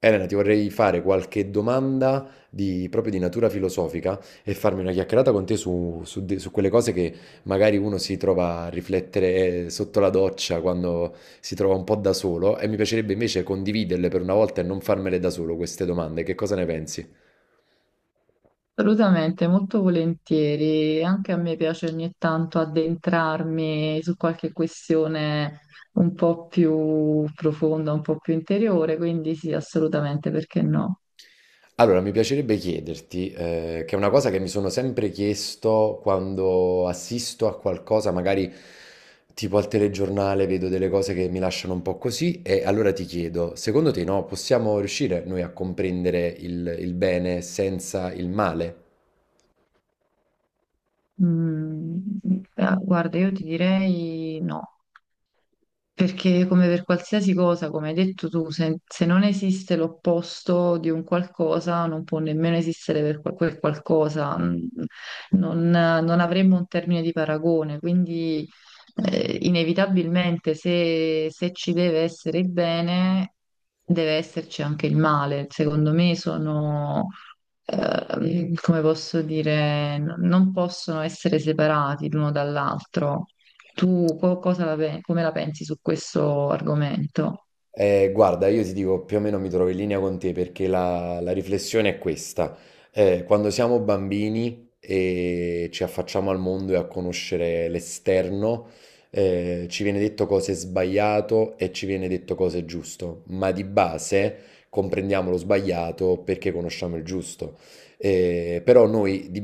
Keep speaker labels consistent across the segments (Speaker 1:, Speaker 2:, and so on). Speaker 1: Elena, ti vorrei fare qualche domanda di, proprio di natura filosofica e farmi una chiacchierata con te su quelle cose che magari uno si trova a riflettere sotto la doccia quando si trova un po' da solo e mi piacerebbe invece condividerle per una volta e non farmele da solo queste domande. Che cosa ne pensi?
Speaker 2: Assolutamente, molto volentieri. Anche a me piace ogni tanto addentrarmi su qualche questione un po' più profonda, un po' più interiore, quindi sì, assolutamente, perché no?
Speaker 1: Allora, mi piacerebbe chiederti, che è una cosa che mi sono sempre chiesto quando assisto a qualcosa, magari tipo al telegiornale, vedo delle cose che mi lasciano un po' così, e allora ti chiedo, secondo te, no, possiamo riuscire noi a comprendere il bene senza il male?
Speaker 2: Mm, ah, guarda, io ti direi no. Perché come per qualsiasi cosa, come hai detto tu, se non esiste l'opposto di un qualcosa, non può nemmeno esistere per quel qualcosa, non avremmo un termine di paragone, quindi inevitabilmente se ci deve essere il bene, deve esserci anche il male. Secondo me sono, come posso dire, non possono essere separati l'uno dall'altro. Tu cosa come la pensi su questo argomento?
Speaker 1: Guarda, io ti dico più o meno mi trovo in linea con te, perché la riflessione è questa. Quando siamo bambini e ci affacciamo al mondo e a conoscere l'esterno, ci viene detto cosa è sbagliato e ci viene detto cosa è giusto, ma di base comprendiamo lo sbagliato perché conosciamo il giusto. Però noi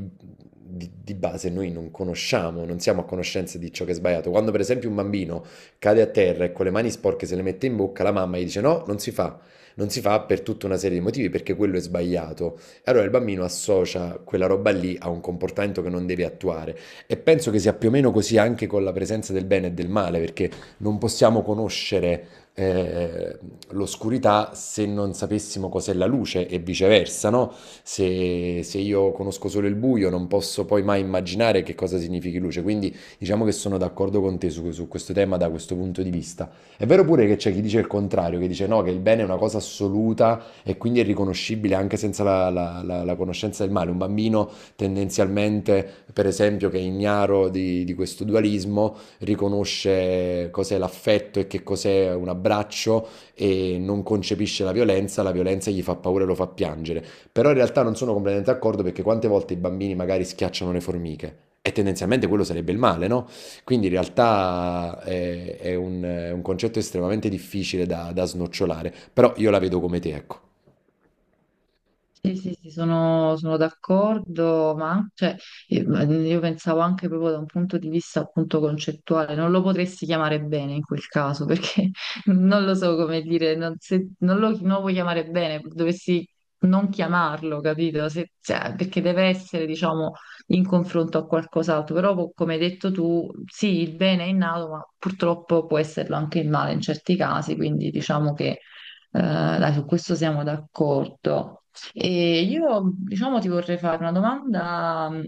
Speaker 1: di base noi non conosciamo, non siamo a conoscenza di ciò che è sbagliato. Quando per esempio un bambino cade a terra e con le mani sporche se le mette in bocca, la mamma gli dice no, non si fa. Non si fa per tutta una serie di motivi, perché quello è sbagliato. E allora il bambino associa quella roba lì a un comportamento che non deve attuare. E penso che sia più o meno così anche con la presenza del bene e del male, perché non possiamo conoscere eh, l'oscurità se non sapessimo cos'è la luce e viceversa, no? Se, se io conosco solo il buio, non posso poi mai immaginare che cosa significhi luce, quindi diciamo che sono d'accordo con te su questo tema da questo punto di vista. È vero pure che c'è chi dice il contrario, che dice no, che il bene è una cosa assoluta e quindi è riconoscibile anche senza la conoscenza del male. Un bambino tendenzialmente, per esempio, che è ignaro di questo dualismo, riconosce cos'è l'affetto e che cos'è un abbraccio e non concepisce la violenza gli fa paura e lo fa piangere. Però in realtà non sono completamente d'accordo, perché quante volte i bambini magari schiacciano le formiche? E tendenzialmente quello sarebbe il male, no? Quindi in realtà è un concetto estremamente difficile da snocciolare, però io la vedo come te, ecco.
Speaker 2: Sì, sì, sì, sono d'accordo, ma cioè, io io pensavo anche proprio da un punto di vista appunto concettuale, non lo potresti chiamare bene in quel caso, perché non lo so come dire, non, se non lo puoi chiamare bene, dovresti non chiamarlo, capito? Cioè, perché deve essere, diciamo, in confronto a qualcos'altro, però come hai detto tu, sì, il bene è innato, ma purtroppo può esserlo anche il male in certi casi, quindi diciamo che dai, su questo siamo d'accordo. E io, diciamo, ti vorrei fare una domanda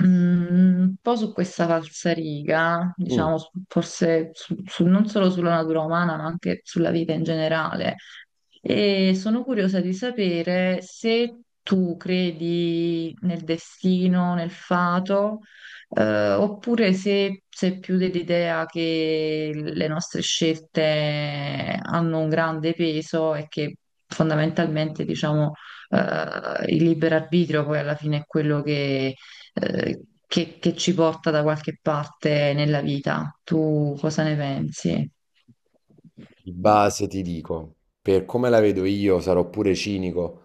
Speaker 2: un po' su questa falsariga, diciamo,
Speaker 1: Mm.
Speaker 2: non solo sulla natura umana, ma anche sulla vita in generale. E sono curiosa di sapere se tu credi nel destino, nel fato, oppure se sei più dell'idea che le nostre scelte hanno un grande peso e che fondamentalmente, diciamo, il libero arbitrio poi alla fine è quello che, che ci porta da qualche parte nella vita. Tu cosa ne pensi?
Speaker 1: Di base ti dico, per come la vedo io, sarò pure cinico,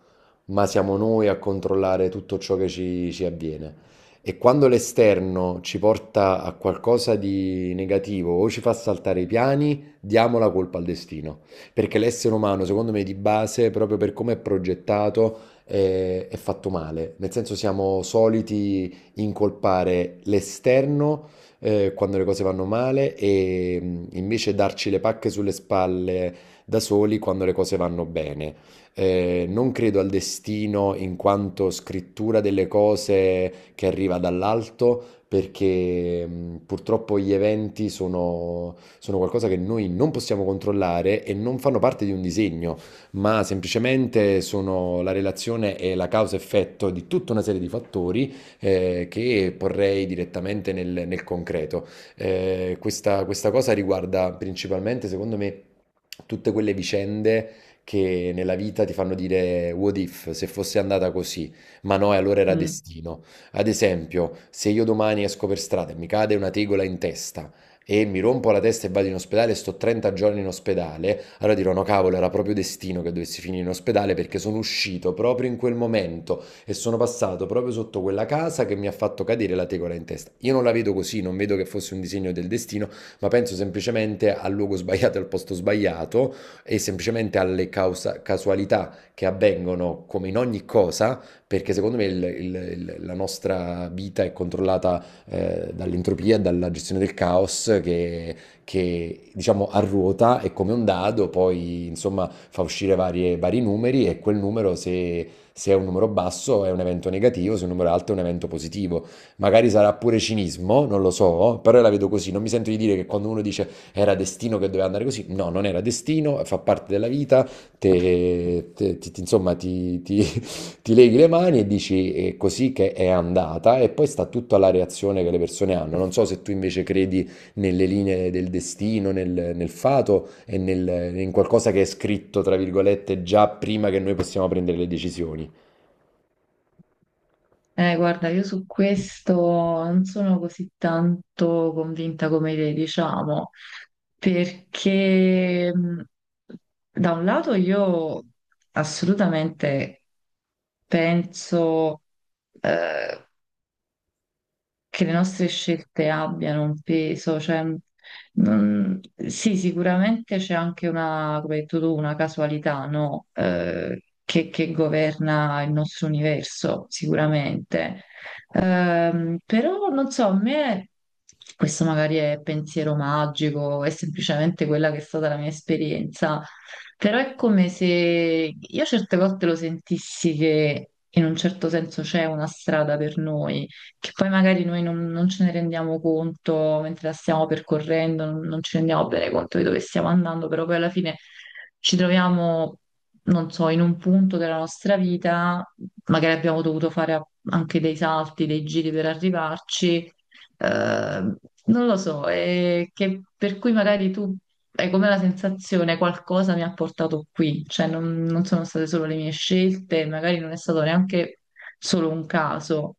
Speaker 1: ma siamo noi a controllare tutto ciò che ci avviene. E quando l'esterno ci porta a qualcosa di negativo o ci fa saltare i piani, diamo la colpa al destino. Perché l'essere umano, secondo me, di base, proprio per come è progettato, è fatto male. Nel senso, siamo soliti incolpare l'esterno quando le cose vanno male e invece darci le pacche sulle spalle da soli quando le cose vanno bene. Non credo al destino in quanto scrittura delle cose che arriva dall'alto, perché purtroppo gli eventi sono, sono qualcosa che noi non possiamo controllare e non fanno parte di un disegno, ma semplicemente sono la relazione e la causa-effetto di tutta una serie di fattori che porrei direttamente nel concreto. Questa cosa riguarda principalmente, secondo me, tutte quelle vicende che nella vita ti fanno dire what if, se fosse andata così, ma no, e allora era
Speaker 2: Mm.
Speaker 1: destino. Ad esempio, se io domani esco per strada e mi cade una tegola in testa e mi rompo la testa e vado in ospedale e sto 30 giorni in ospedale, allora dirò no cavolo, era proprio destino che dovessi finire in ospedale, perché sono uscito proprio in quel momento e sono passato proprio sotto quella casa che mi ha fatto cadere la tegola in testa. Io non la vedo così, non vedo che fosse un disegno del destino, ma penso semplicemente al luogo sbagliato, al posto sbagliato e semplicemente alle casualità che avvengono come in ogni cosa, perché secondo me la nostra vita è controllata dall'entropia, dalla gestione del caos che diciamo arruota e come un dado poi insomma fa uscire vari numeri e quel numero, se è un numero basso è un evento negativo, se è un numero alto è un evento positivo. Magari sarà pure cinismo, non lo so, però io la vedo così. Non mi sento di dire che quando uno dice era destino che doveva andare così, no, non era destino, fa parte della vita, te, te- ti, ti- insomma ti, ti- ti leghi le mani e dici è così che è andata e poi sta tutto alla reazione che le persone hanno. Non so se tu invece credi nelle linee del destino, nel fato e in qualcosa che è scritto, tra virgolette, già prima che noi possiamo prendere le decisioni.
Speaker 2: Guarda, io su questo non sono così tanto convinta come te, diciamo, perché da un lato io assolutamente penso, eh, che le nostre scelte abbiano un peso, cioè, non- sì, sicuramente c'è anche una, come hai detto tu, una casualità, no? Che governa il nostro universo, sicuramente. Però non so, a me questo magari è pensiero magico, è semplicemente quella che è stata la mia esperienza, però è come se io certe volte lo sentissi che in un certo senso c'è una strada per noi che poi magari noi non ce ne rendiamo conto mentre la stiamo percorrendo, non ci rendiamo bene conto di dove stiamo andando, però poi alla fine ci troviamo, non so, in un punto della nostra vita, magari abbiamo dovuto fare anche dei salti, dei giri per arrivarci, eh, non lo so, per cui magari tu hai come la sensazione qualcosa mi ha portato qui, cioè non sono state solo le mie scelte, magari non è stato neanche solo un caso.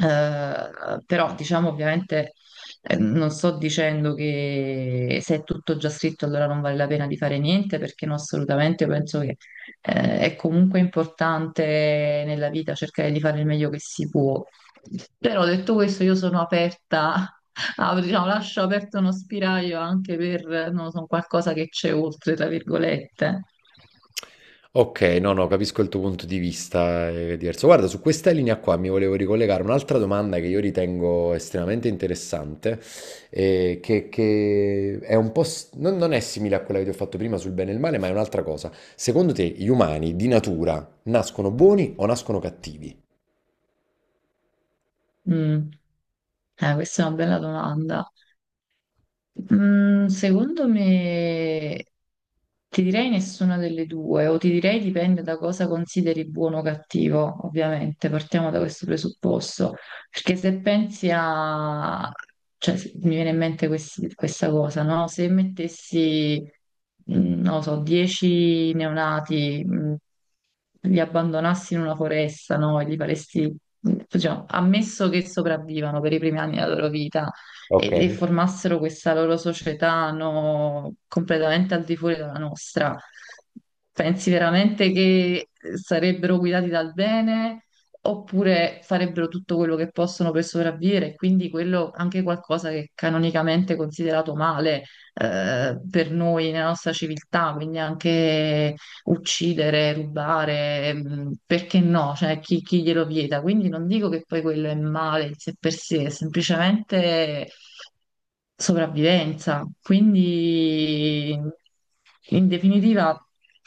Speaker 2: Però diciamo ovviamente non sto dicendo che se è tutto già scritto allora non vale la pena di fare niente, perché no, assolutamente io penso che è comunque importante nella vita cercare di fare il meglio che si può. Però detto questo, io sono aperta diciamo, lascio aperto uno spiraglio anche per, non lo so, qualcosa che c'è oltre, tra virgolette.
Speaker 1: Ok, no, no, capisco il tuo punto di vista, è diverso. Guarda, su questa linea qua mi volevo ricollegare un'altra domanda che io ritengo estremamente interessante, che è un po', non è simile a quella che ti ho fatto prima sul bene e il male, ma è un'altra cosa. Secondo te, gli umani di natura nascono buoni o nascono cattivi?
Speaker 2: Mm. Questa è una bella domanda. Secondo me ti direi nessuna delle due, o ti direi dipende da cosa consideri buono o cattivo, ovviamente, partiamo da questo presupposto, perché se pensi a, cioè mi viene in mente questa cosa, no? Se mettessi, non lo so, 10 neonati, li abbandonassi in una foresta, no? E li faresti, diciamo, ammesso che sopravvivano per i primi anni della loro vita
Speaker 1: Ok.
Speaker 2: e formassero questa loro società, no, completamente al di fuori dalla nostra. Pensi veramente che sarebbero guidati dal bene, oppure farebbero tutto quello che possono per sopravvivere, e quindi quello, anche qualcosa che è canonicamente considerato male per noi nella nostra civiltà, quindi anche uccidere, rubare, perché no? Cioè, chi glielo vieta? Quindi non dico che poi quello è male in sé per sé, è semplicemente sopravvivenza. Quindi, in definitiva,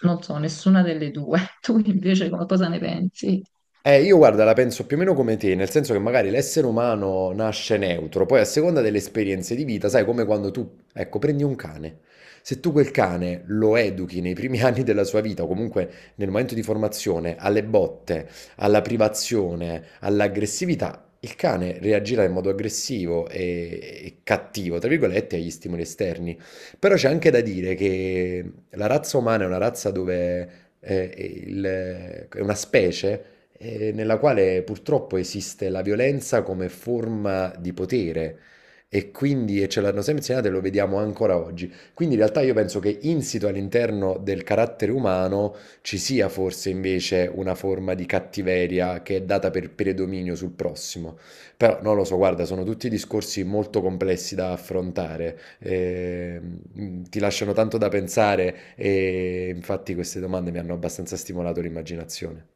Speaker 2: non so, nessuna delle due. Tu invece cosa ne pensi?
Speaker 1: Io guarda, la penso più o meno come te, nel senso che magari l'essere umano nasce neutro, poi a seconda delle esperienze di vita, sai, come quando tu, ecco, prendi un cane. Se tu quel cane lo educhi nei primi anni della sua vita, o comunque nel momento di formazione, alle botte, alla privazione, all'aggressività, il cane reagirà in modo aggressivo e cattivo, tra virgolette, agli stimoli esterni. Però c'è anche da dire che la razza umana è una razza dove... eh, è una specie nella quale purtroppo esiste la violenza come forma di potere e quindi e ce l'hanno sempre insegnato e lo vediamo ancora oggi. Quindi in realtà io penso che insito all'interno del carattere umano ci sia forse invece una forma di cattiveria che è data per predominio sul prossimo. Però non lo so, guarda, sono tutti discorsi molto complessi da affrontare, mm, ti lasciano tanto da pensare e infatti queste domande mi hanno abbastanza stimolato l'immaginazione.